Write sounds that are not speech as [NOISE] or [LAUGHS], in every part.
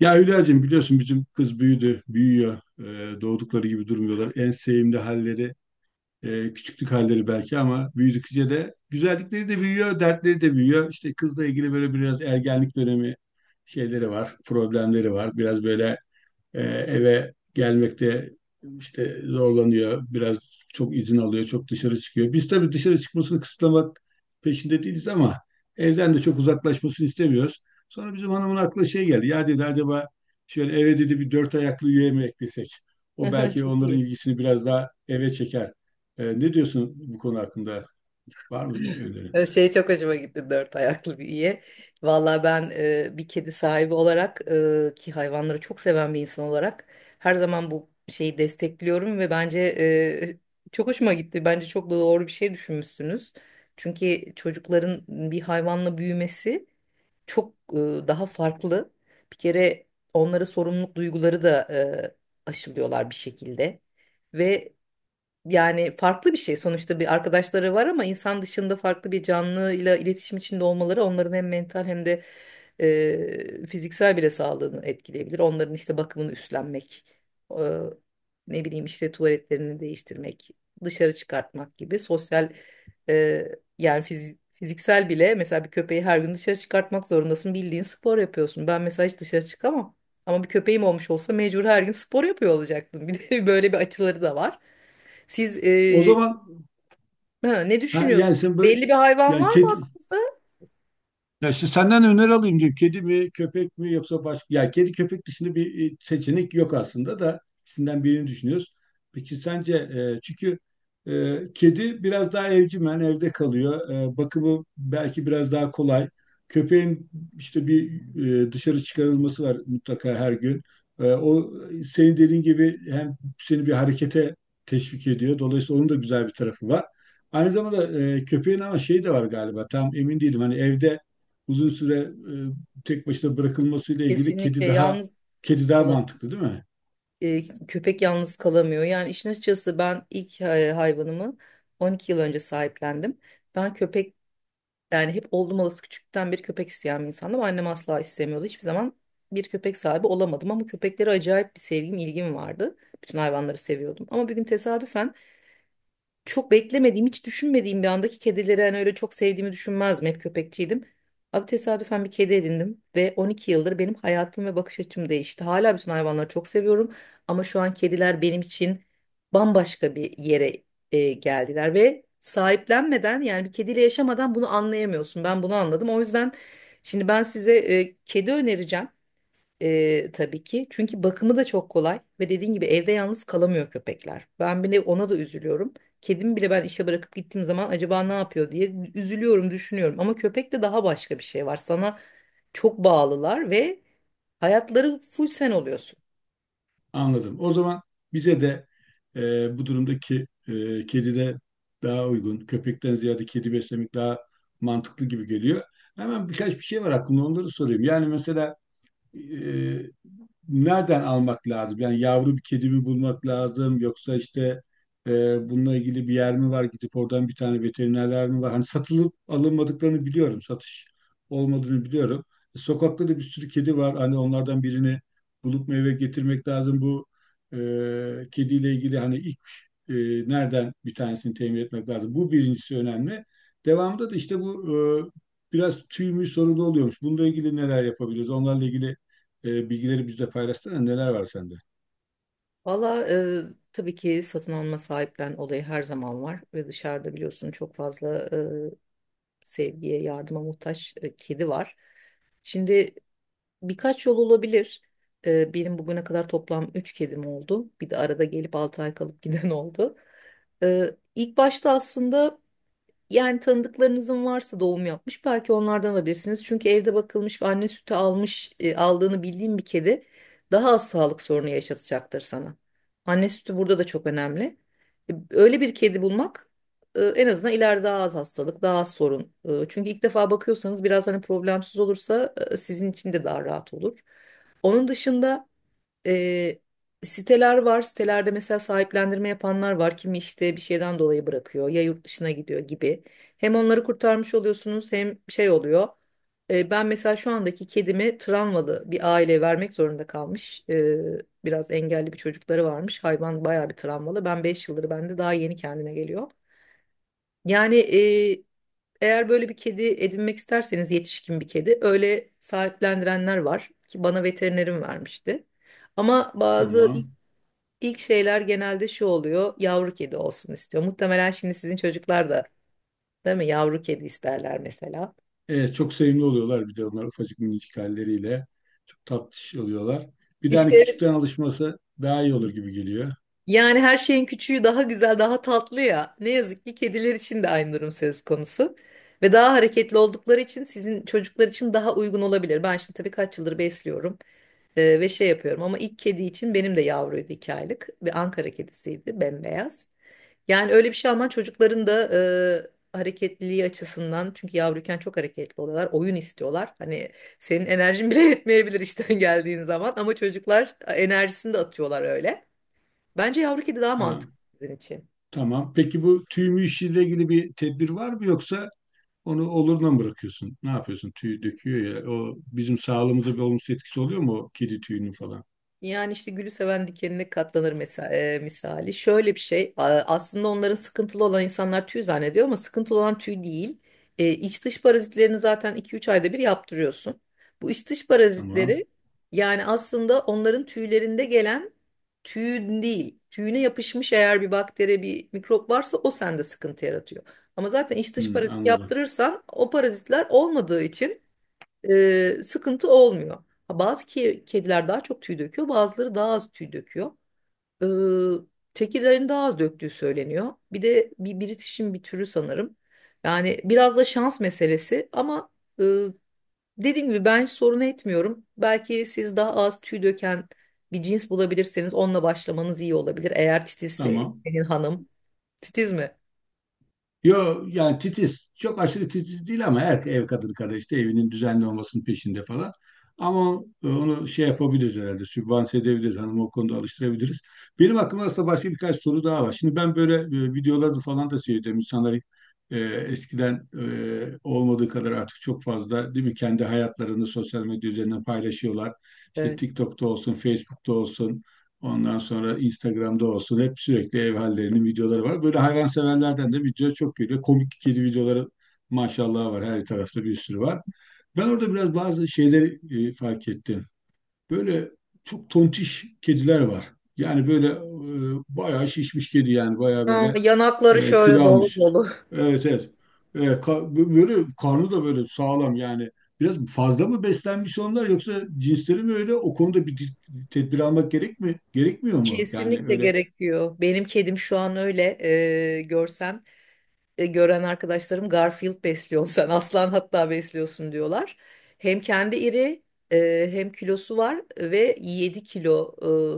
Ya Hülya'cığım biliyorsun bizim kız büyüdü, büyüyor. Doğdukları gibi durmuyorlar. En sevimli halleri, küçüklük halleri belki ama büyüdükçe de güzellikleri de büyüyor, dertleri de büyüyor. İşte kızla ilgili böyle biraz ergenlik dönemi şeyleri var, problemleri var. Biraz böyle eve gelmekte işte zorlanıyor. Biraz çok izin alıyor, çok dışarı çıkıyor. Biz tabii dışarı çıkmasını kısıtlamak peşinde değiliz ama evden de çok uzaklaşmasını istemiyoruz. Sonra bizim hanımın aklına şey geldi. Ya dedi acaba şöyle eve dedi bir dört ayaklı üye mi eklesek? O [LAUGHS] belki Çok onların iyi. ilgisini biraz daha eve çeker. Ne diyorsun bu konu hakkında? Var mı bir öneri? Şey çok hoşuma gitti dört ayaklı büyüye. Valla ben bir kedi sahibi olarak, ki hayvanları çok seven bir insan olarak, her zaman bu şeyi destekliyorum ve bence çok hoşuma gitti. Bence çok da doğru bir şey düşünmüşsünüz. Çünkü çocukların bir hayvanla büyümesi çok daha farklı. Bir kere onlara sorumluluk duyguları da aşılıyorlar bir şekilde. ve Yani farklı bir şey. Sonuçta bir arkadaşları var ama insan dışında farklı bir canlıyla iletişim içinde olmaları onların hem mental hem de fiziksel bile sağlığını etkileyebilir. Onların işte bakımını üstlenmek, e, ne bileyim işte tuvaletlerini değiştirmek, dışarı çıkartmak gibi sosyal, e, yani fiziksel bile, mesela bir köpeği her gün dışarı çıkartmak zorundasın. Bildiğin spor yapıyorsun. Ben mesela hiç dışarı çıkamam. Ama bir köpeğim olmuş olsa mecbur her gün spor yapıyor olacaktım. [LAUGHS] Bir de böyle bir açıları da var. Siz O e, zaman ha, Ne ha, yani düşünüyorsunuz? sen böyle Belli bir hayvan yani var mı kedi, aklınızda? ya işte senden öneri alayım diyeyim. Kedi mi, köpek mi yoksa başka? Ya kedi köpek dışında bir seçenek yok aslında da ikisinden birini düşünüyoruz. Peki sence çünkü kedi biraz daha evcimen evde kalıyor. Bakımı belki biraz daha kolay. Köpeğin işte bir dışarı çıkarılması var mutlaka her gün. O senin dediğin gibi hem seni bir harekete teşvik ediyor. Dolayısıyla onun da güzel bir tarafı var. Aynı zamanda köpeğin ama şeyi de var galiba. Tam emin değilim. Hani evde uzun süre e, tek başına bırakılmasıyla ilgili kedi Kesinlikle daha yalnız kedi daha kalam mantıklı değil mi? e, Köpek yalnız kalamıyor. Yani işin açıkçası ben ilk hayvanımı 12 yıl önce sahiplendim. Ben köpek yani hep oldum olası küçükten bir köpek isteyen bir insandım. Annem asla istemiyordu. Hiçbir zaman bir köpek sahibi olamadım ama köpeklere acayip bir sevgim, ilgim vardı. Bütün hayvanları seviyordum. Ama bir gün tesadüfen çok beklemediğim, hiç düşünmediğim bir andaki kedileri hani öyle çok sevdiğimi düşünmezdim. Hep köpekçiydim. Abi tesadüfen bir kedi edindim ve 12 yıldır benim hayatım ve bakış açım değişti. Hala bütün hayvanları çok seviyorum ama şu an kediler benim için bambaşka bir yere geldiler ve sahiplenmeden, yani bir kediyle yaşamadan bunu anlayamıyorsun. Ben bunu anladım. O yüzden şimdi ben size kedi önereceğim. Tabii ki. Çünkü bakımı da çok kolay ve dediğin gibi evde yalnız kalamıyor köpekler. Ben bile ona da üzülüyorum. Kedimi bile ben işe bırakıp gittiğim zaman acaba ne yapıyor diye üzülüyorum, düşünüyorum. Ama köpekte daha başka bir şey var. Sana çok bağlılar ve hayatları full sen oluyorsun. Anladım. O zaman bize de bu durumdaki kedi de daha uygun. Köpekten ziyade kedi beslemek daha mantıklı gibi geliyor. Hemen birkaç bir şey var aklımda onları sorayım. Yani mesela e, nereden almak lazım? Yani yavru bir kedi mi bulmak lazım yoksa işte bununla ilgili bir yer mi var? Gidip oradan bir tane veterinerler mi var? Hani satılıp alınmadıklarını biliyorum. Satış olmadığını biliyorum. Sokakta da bir sürü kedi var. Hani onlardan birini bulup meyve getirmek lazım. Bu e, kediyle ilgili hani ilk e, nereden bir tanesini temin etmek lazım? Bu birincisi önemli. Devamında da işte bu biraz tüy mü sorunu oluyormuş. Bununla ilgili neler yapabiliriz? Onlarla ilgili bilgileri bizle paylaşsana neler var sende. Valla tabii ki satın alma, sahiplen olayı her zaman var ve dışarıda biliyorsun çok fazla sevgiye, yardıma muhtaç kedi var. Şimdi birkaç yol olabilir. Benim bugüne kadar toplam 3 kedim oldu. Bir de arada gelip 6 ay kalıp [LAUGHS] giden oldu. İlk başta aslında, yani tanıdıklarınızın varsa doğum yapmış, belki onlardan alabilirsiniz. Çünkü evde bakılmış ve anne sütü aldığını bildiğim bir kedi daha az sağlık sorunu yaşatacaktır sana. Anne sütü burada da çok önemli. Öyle bir kedi bulmak en azından ileride daha az hastalık, daha az sorun. Çünkü ilk defa bakıyorsanız biraz hani problemsiz olursa sizin için de daha rahat olur. Onun dışında e, siteler var. Sitelerde mesela sahiplendirme yapanlar var. Kimi işte bir şeyden dolayı bırakıyor, ya yurt dışına gidiyor gibi. Hem onları kurtarmış oluyorsunuz hem şey oluyor. Ben mesela şu andaki kedimi travmalı bir aileye vermek zorunda kalmış. Biraz engelli bir çocukları varmış. Hayvan bayağı bir travmalı. Ben 5 yıldır, bende daha yeni kendine geliyor. Yani eğer böyle bir kedi edinmek isterseniz, yetişkin bir kedi öyle sahiplendirenler var ki bana veterinerim vermişti. Ama bazı Tamam. İlk şeyler genelde şu oluyor. Yavru kedi olsun istiyor. Muhtemelen şimdi sizin çocuklar da, değil mi? Yavru kedi isterler mesela. Evet, çok sevimli oluyorlar bir de onlar ufacık minicik halleriyle. Çok tatlış oluyorlar. Bir de İşte hani küçükten alışması daha iyi olur gibi geliyor. yani her şeyin küçüğü daha güzel, daha tatlı ya. Ne yazık ki kediler için de aynı durum söz konusu. Ve daha hareketli oldukları için sizin çocuklar için daha uygun olabilir. Ben şimdi tabii kaç yıldır besliyorum ve şey yapıyorum ama ilk kedi için benim de yavruydu, 2 aylık ve Ankara kedisiydi, bembeyaz. Yani öyle bir şey alman çocukların da hareketliliği açısından, çünkü yavruyken çok hareketli oluyorlar. Oyun istiyorlar. Hani senin enerjin bile [LAUGHS] yetmeyebilir işten geldiğin zaman, ama çocuklar enerjisini de atıyorlar öyle. Bence yavru kedi daha Ha, mantıklı sizin için. tamam. Peki bu tüy mü işiyle ilgili bir tedbir var mı yoksa onu oluruna mı bırakıyorsun? Ne yapıyorsun? Tüy döküyor ya. O bizim sağlığımıza bir olumsuz etkisi oluyor mu o kedi tüyünün falan? Yani işte gülü seven dikenine katlanır mesela, misali. Şöyle bir şey, aslında onların sıkıntılı olan, insanlar tüy zannediyor ama sıkıntılı olan tüy değil. İç dış parazitlerini zaten 2-3 ayda bir yaptırıyorsun. Bu iç dış Tamam. parazitleri, yani aslında onların tüylerinde gelen, tüyün değil. Tüyüne yapışmış eğer bir bakteri, bir mikrop varsa, o sende sıkıntı yaratıyor. Ama zaten iç dış Hmm, parazit anladım. yaptırırsan, o parazitler olmadığı için sıkıntı olmuyor. Ha, bazı kediler daha çok tüy döküyor, bazıları daha az tüy döküyor. Ee, Tekirlerin daha az döktüğü söyleniyor. Bir de bir British'in bir türü sanırım. Yani biraz da şans meselesi ama e, dediğim gibi ben hiç sorun etmiyorum. Belki siz daha az tüy döken bir cins bulabilirseniz, onunla başlamanız iyi olabilir. Eğer titizse Tamam. senin hanım. Titiz mi? Yo yani titiz. Çok aşırı titiz değil ama her ev kadını kadar işte evinin düzenli olmasının peşinde falan. Ama onu şey yapabiliriz herhalde. Sübvanse edebiliriz. Hanımı o konuda alıştırabiliriz. Benim aklımda aslında başka birkaç soru daha var. Şimdi ben böyle videolarda falan da seyrediyorum. İnsanlar eskiden olmadığı kadar artık çok fazla değil mi? Kendi hayatlarını sosyal medya üzerinden paylaşıyorlar. İşte Evet. TikTok'ta olsun, Facebook'ta olsun, ondan sonra Instagram'da olsun hep sürekli ev hallerinin videoları var. Böyle hayvanseverlerden de video çok geliyor. Komik kedi videoları maşallah var. Her tarafta bir sürü var. Ben orada biraz bazı şeyleri fark ettim. Böyle çok tontiş kediler var. Yani böyle bayağı şişmiş kedi yani bayağı Aa, böyle yanakları şöyle kilo dolu almış. dolu. Evet, evet. Böyle karnı da böyle sağlam yani. Biraz fazla mı beslenmiş onlar yoksa cinsleri mi öyle? O konuda bir tedbir almak gerek mi? Gerekmiyor mu? Yani Kesinlikle öyle. gerekiyor. Benim kedim şu an öyle e, görsem gören arkadaşlarım Garfield besliyorsun, [LAUGHS] sen aslan hatta besliyorsun diyorlar. Hem kendi iri, hem kilosu var ve 7 kilo,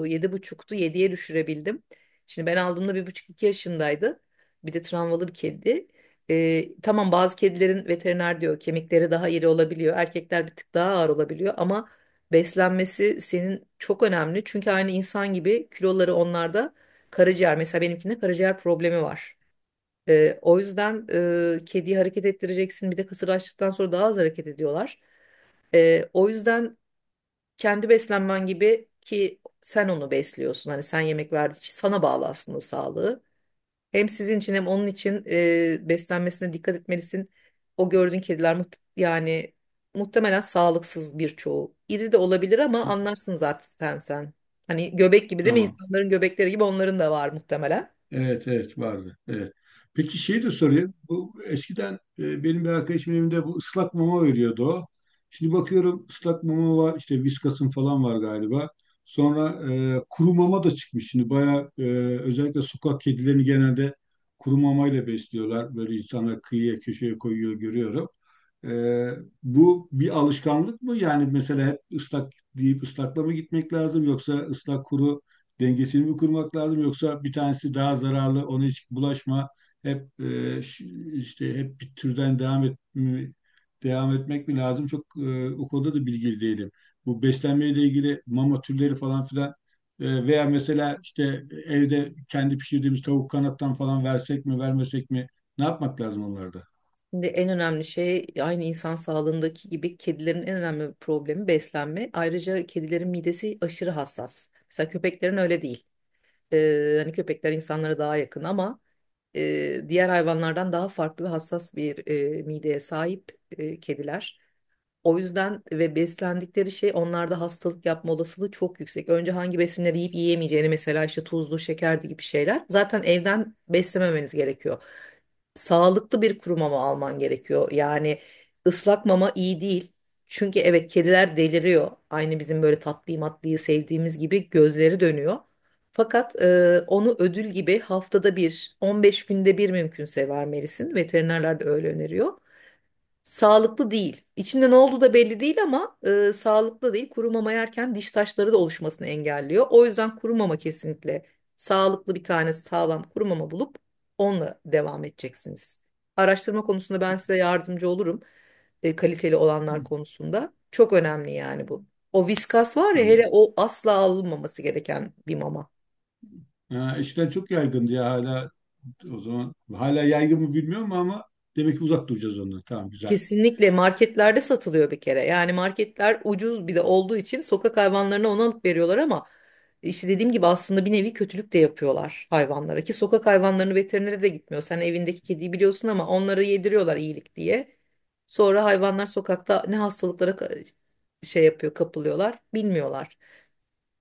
yedi buçuktu, 7'ye düşürebildim. Şimdi ben aldığımda bir buçuk, iki yaşındaydı. Bir de travmalı bir kedi. Tamam, bazı kedilerin veteriner diyor kemikleri daha iri olabiliyor. Erkekler bir tık daha ağır olabiliyor ama beslenmesi senin çok önemli. Çünkü aynı insan gibi kiloları onlarda, karaciğer mesela benimkinde karaciğer problemi var. O yüzden kediyi hareket ettireceksin. Bir de kısır açtıktan sonra daha az hareket ediyorlar. O yüzden kendi beslenmen gibi, ki sen onu besliyorsun. Hani sen yemek verdiği için sana bağlı aslında sağlığı. Hem sizin için hem onun için beslenmesine dikkat etmelisin. O gördüğün kediler, yani muhtemelen sağlıksız birçoğu. İri de olabilir ama Ha, anlarsın zaten sen. Hani göbek gibi değil mi? tamam. İnsanların göbekleri gibi onların da var muhtemelen. Evet, evet, vardı. Evet. Peki şey de sorayım. Bu eskiden benim bir arkadaşımın evinde bu ıslak mama veriyordu o. Şimdi bakıyorum ıslak mama var işte Whiskas'ın falan var galiba. Sonra kuru mama da çıkmış. Şimdi bayağı özellikle sokak kedilerini genelde kuru mamayla besliyorlar. Böyle insanlar kıyıya köşeye koyuyor görüyorum. E, Bu bir alışkanlık mı? Yani mesela hep ıslak deyip ıslakla mı gitmek lazım yoksa ıslak kuru dengesini mi kurmak lazım yoksa bir tanesi daha zararlı ona hiç bulaşma hep işte hep bir türden devam etmek mi lazım? Çok o konuda da bilgili değilim. Bu beslenmeyle ilgili mama türleri falan filan veya mesela işte evde kendi pişirdiğimiz tavuk kanattan falan versek mi vermesek mi? Ne yapmak lazım onlarda? Şimdi en önemli şey, aynı insan sağlığındaki gibi, kedilerin en önemli problemi beslenme. Ayrıca kedilerin midesi aşırı hassas. Mesela köpeklerin öyle değil. Hani köpekler insanlara daha yakın ama diğer hayvanlardan daha farklı ve hassas bir mideye sahip kediler. O yüzden ve beslendikleri şey onlarda hastalık yapma olasılığı çok yüksek. Önce hangi besinleri yiyip yiyemeyeceğini, mesela işte tuzlu, şekerli gibi şeyler. Zaten evden beslememeniz gerekiyor, sağlıklı bir kuru mama alman gerekiyor. Yani ıslak mama iyi değil. Çünkü evet, kediler deliriyor. Aynı bizim böyle tatlıyı matlıyı sevdiğimiz gibi gözleri dönüyor. Fakat onu ödül gibi haftada bir, 15 günde bir mümkünse vermelisin. Veterinerler de öyle öneriyor. Sağlıklı değil. İçinde ne olduğu da belli değil ama sağlıklı değil. Kuru mama yerken diş taşları da oluşmasını engelliyor. O yüzden kuru mama kesinlikle, sağlıklı bir tane sağlam kuru mama bulup onunla devam edeceksiniz. Araştırma konusunda ben size yardımcı olurum. Kaliteli Hı, olanlar konusunda. Çok önemli yani bu. O viskas var ya, hele tamam. o asla alınmaması gereken bir mama. Ha, eskiden çok yaygındı ya hala o zaman. Hala yaygın mı bilmiyorum ama demek ki uzak duracağız ondan. Tamam, güzel. Kesinlikle marketlerde satılıyor bir kere. Yani marketler ucuz bir de olduğu için sokak hayvanlarına onu alıp veriyorlar ama işte dediğim gibi aslında bir nevi kötülük de yapıyorlar hayvanlara, ki sokak hayvanlarını veterinere de gitmiyor. Sen evindeki kediyi biliyorsun ama onları yediriyorlar iyilik diye. Sonra hayvanlar sokakta ne hastalıklara şey yapıyor, kapılıyorlar, bilmiyorlar.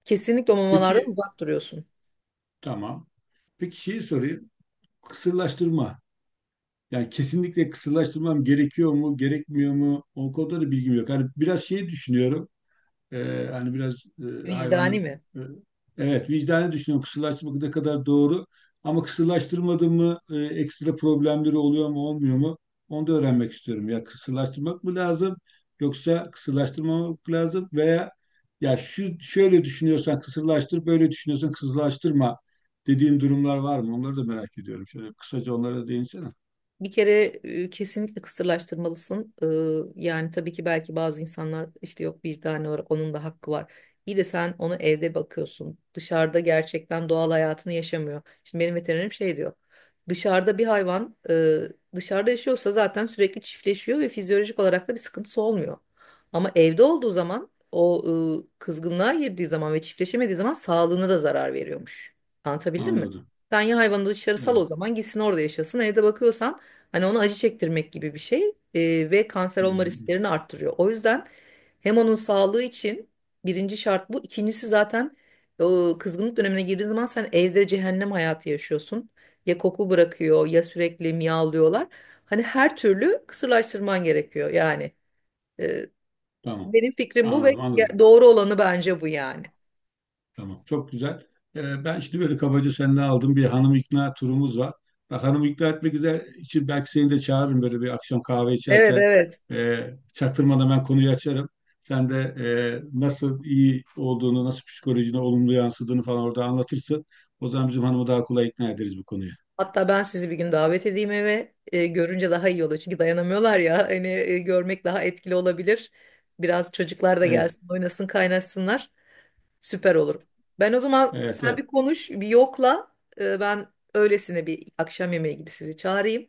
Kesinlikle o mamalardan Peki, uzak duruyorsun. tamam. Peki şeyi sorayım. Kısırlaştırma. Yani kesinlikle kısırlaştırmam gerekiyor mu, gerekmiyor mu? O konuda da bilgim yok. Hani biraz şey düşünüyorum. Hani biraz Vicdani hayvanı mi? e, evet vicdani düşünüyorum. Kısırlaştırmak ne kadar doğru ama kısırlaştırmadı mı ekstra problemleri oluyor mu olmuyor mu? Onu da öğrenmek istiyorum. Ya kısırlaştırmak mı lazım yoksa kısırlaştırmamak lazım veya ya şu şöyle düşünüyorsan kısırlaştır, böyle düşünüyorsan kısırlaştırma dediğin durumlar var mı? Onları da merak ediyorum. Şöyle kısaca onlara da değinsene. Bir kere kesinlikle kısırlaştırmalısın. Yani tabii ki belki bazı insanlar işte yok, vicdani olarak onun da hakkı var. Bir de sen onu evde bakıyorsun. Dışarıda gerçekten doğal hayatını yaşamıyor. Şimdi benim veterinerim şey diyor. Dışarıda bir hayvan, dışarıda yaşıyorsa zaten sürekli çiftleşiyor ve fizyolojik olarak da bir sıkıntısı olmuyor. Ama evde olduğu zaman o, kızgınlığa girdiği zaman ve çiftleşemediği zaman sağlığına da zarar veriyormuş. Anlatabildim mi? Anladım. Sen ya hayvanı dışarı sal, o Evet. zaman gitsin orada yaşasın. Evde bakıyorsan, hani ona acı çektirmek gibi bir şey, ve kanser olma Hmm, risklerini arttırıyor. O yüzden hem onun sağlığı için birinci şart bu. İkincisi zaten o kızgınlık dönemine girdiğin zaman sen evde cehennem hayatı yaşıyorsun. Ya koku bırakıyor ya sürekli miyavlıyorlar. Hani her türlü kısırlaştırman gerekiyor yani. E, tamam. Benim fikrim bu ve Anladım, anladım. Doğru olanı bence bu yani. Tamam, çok güzel. Ben şimdi böyle kabaca senden aldım, bir hanım ikna turumuz var. Bak, hanım ikna etmek üzere için belki seni de çağırırım böyle bir akşam kahve Evet, içerken. evet. Çaktırmadan ben konuyu açarım. Sen de nasıl iyi olduğunu, nasıl psikolojine olumlu yansıdığını falan orada anlatırsın. O zaman bizim hanımı daha kolay ikna ederiz bu konuya. Hatta ben sizi bir gün davet edeyim eve. Görünce daha iyi olur. Çünkü dayanamıyorlar ya. Hani görmek daha etkili olabilir. Biraz çocuklar da Evet, gelsin, oynasın, kaynaşsınlar. Süper olur. Ben o zaman evet, sen evet. bir konuş, bir yokla. Ben öylesine bir akşam yemeği gibi sizi çağırayım.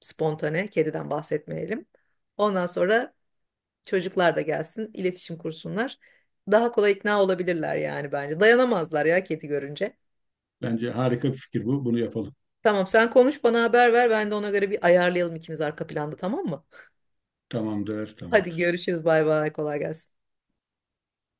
Spontane, kediden bahsetmeyelim. Ondan sonra çocuklar da gelsin, iletişim kursunlar. Daha kolay ikna olabilirler yani bence. Dayanamazlar ya kedi görünce. Bence harika bir fikir bu. Bunu yapalım. Tamam, sen konuş bana haber ver, ben de ona göre bir ayarlayalım ikimiz arka planda, tamam mı? [LAUGHS] Tamamdır, Hadi tamamdır. görüşürüz, bay bay, kolay gelsin.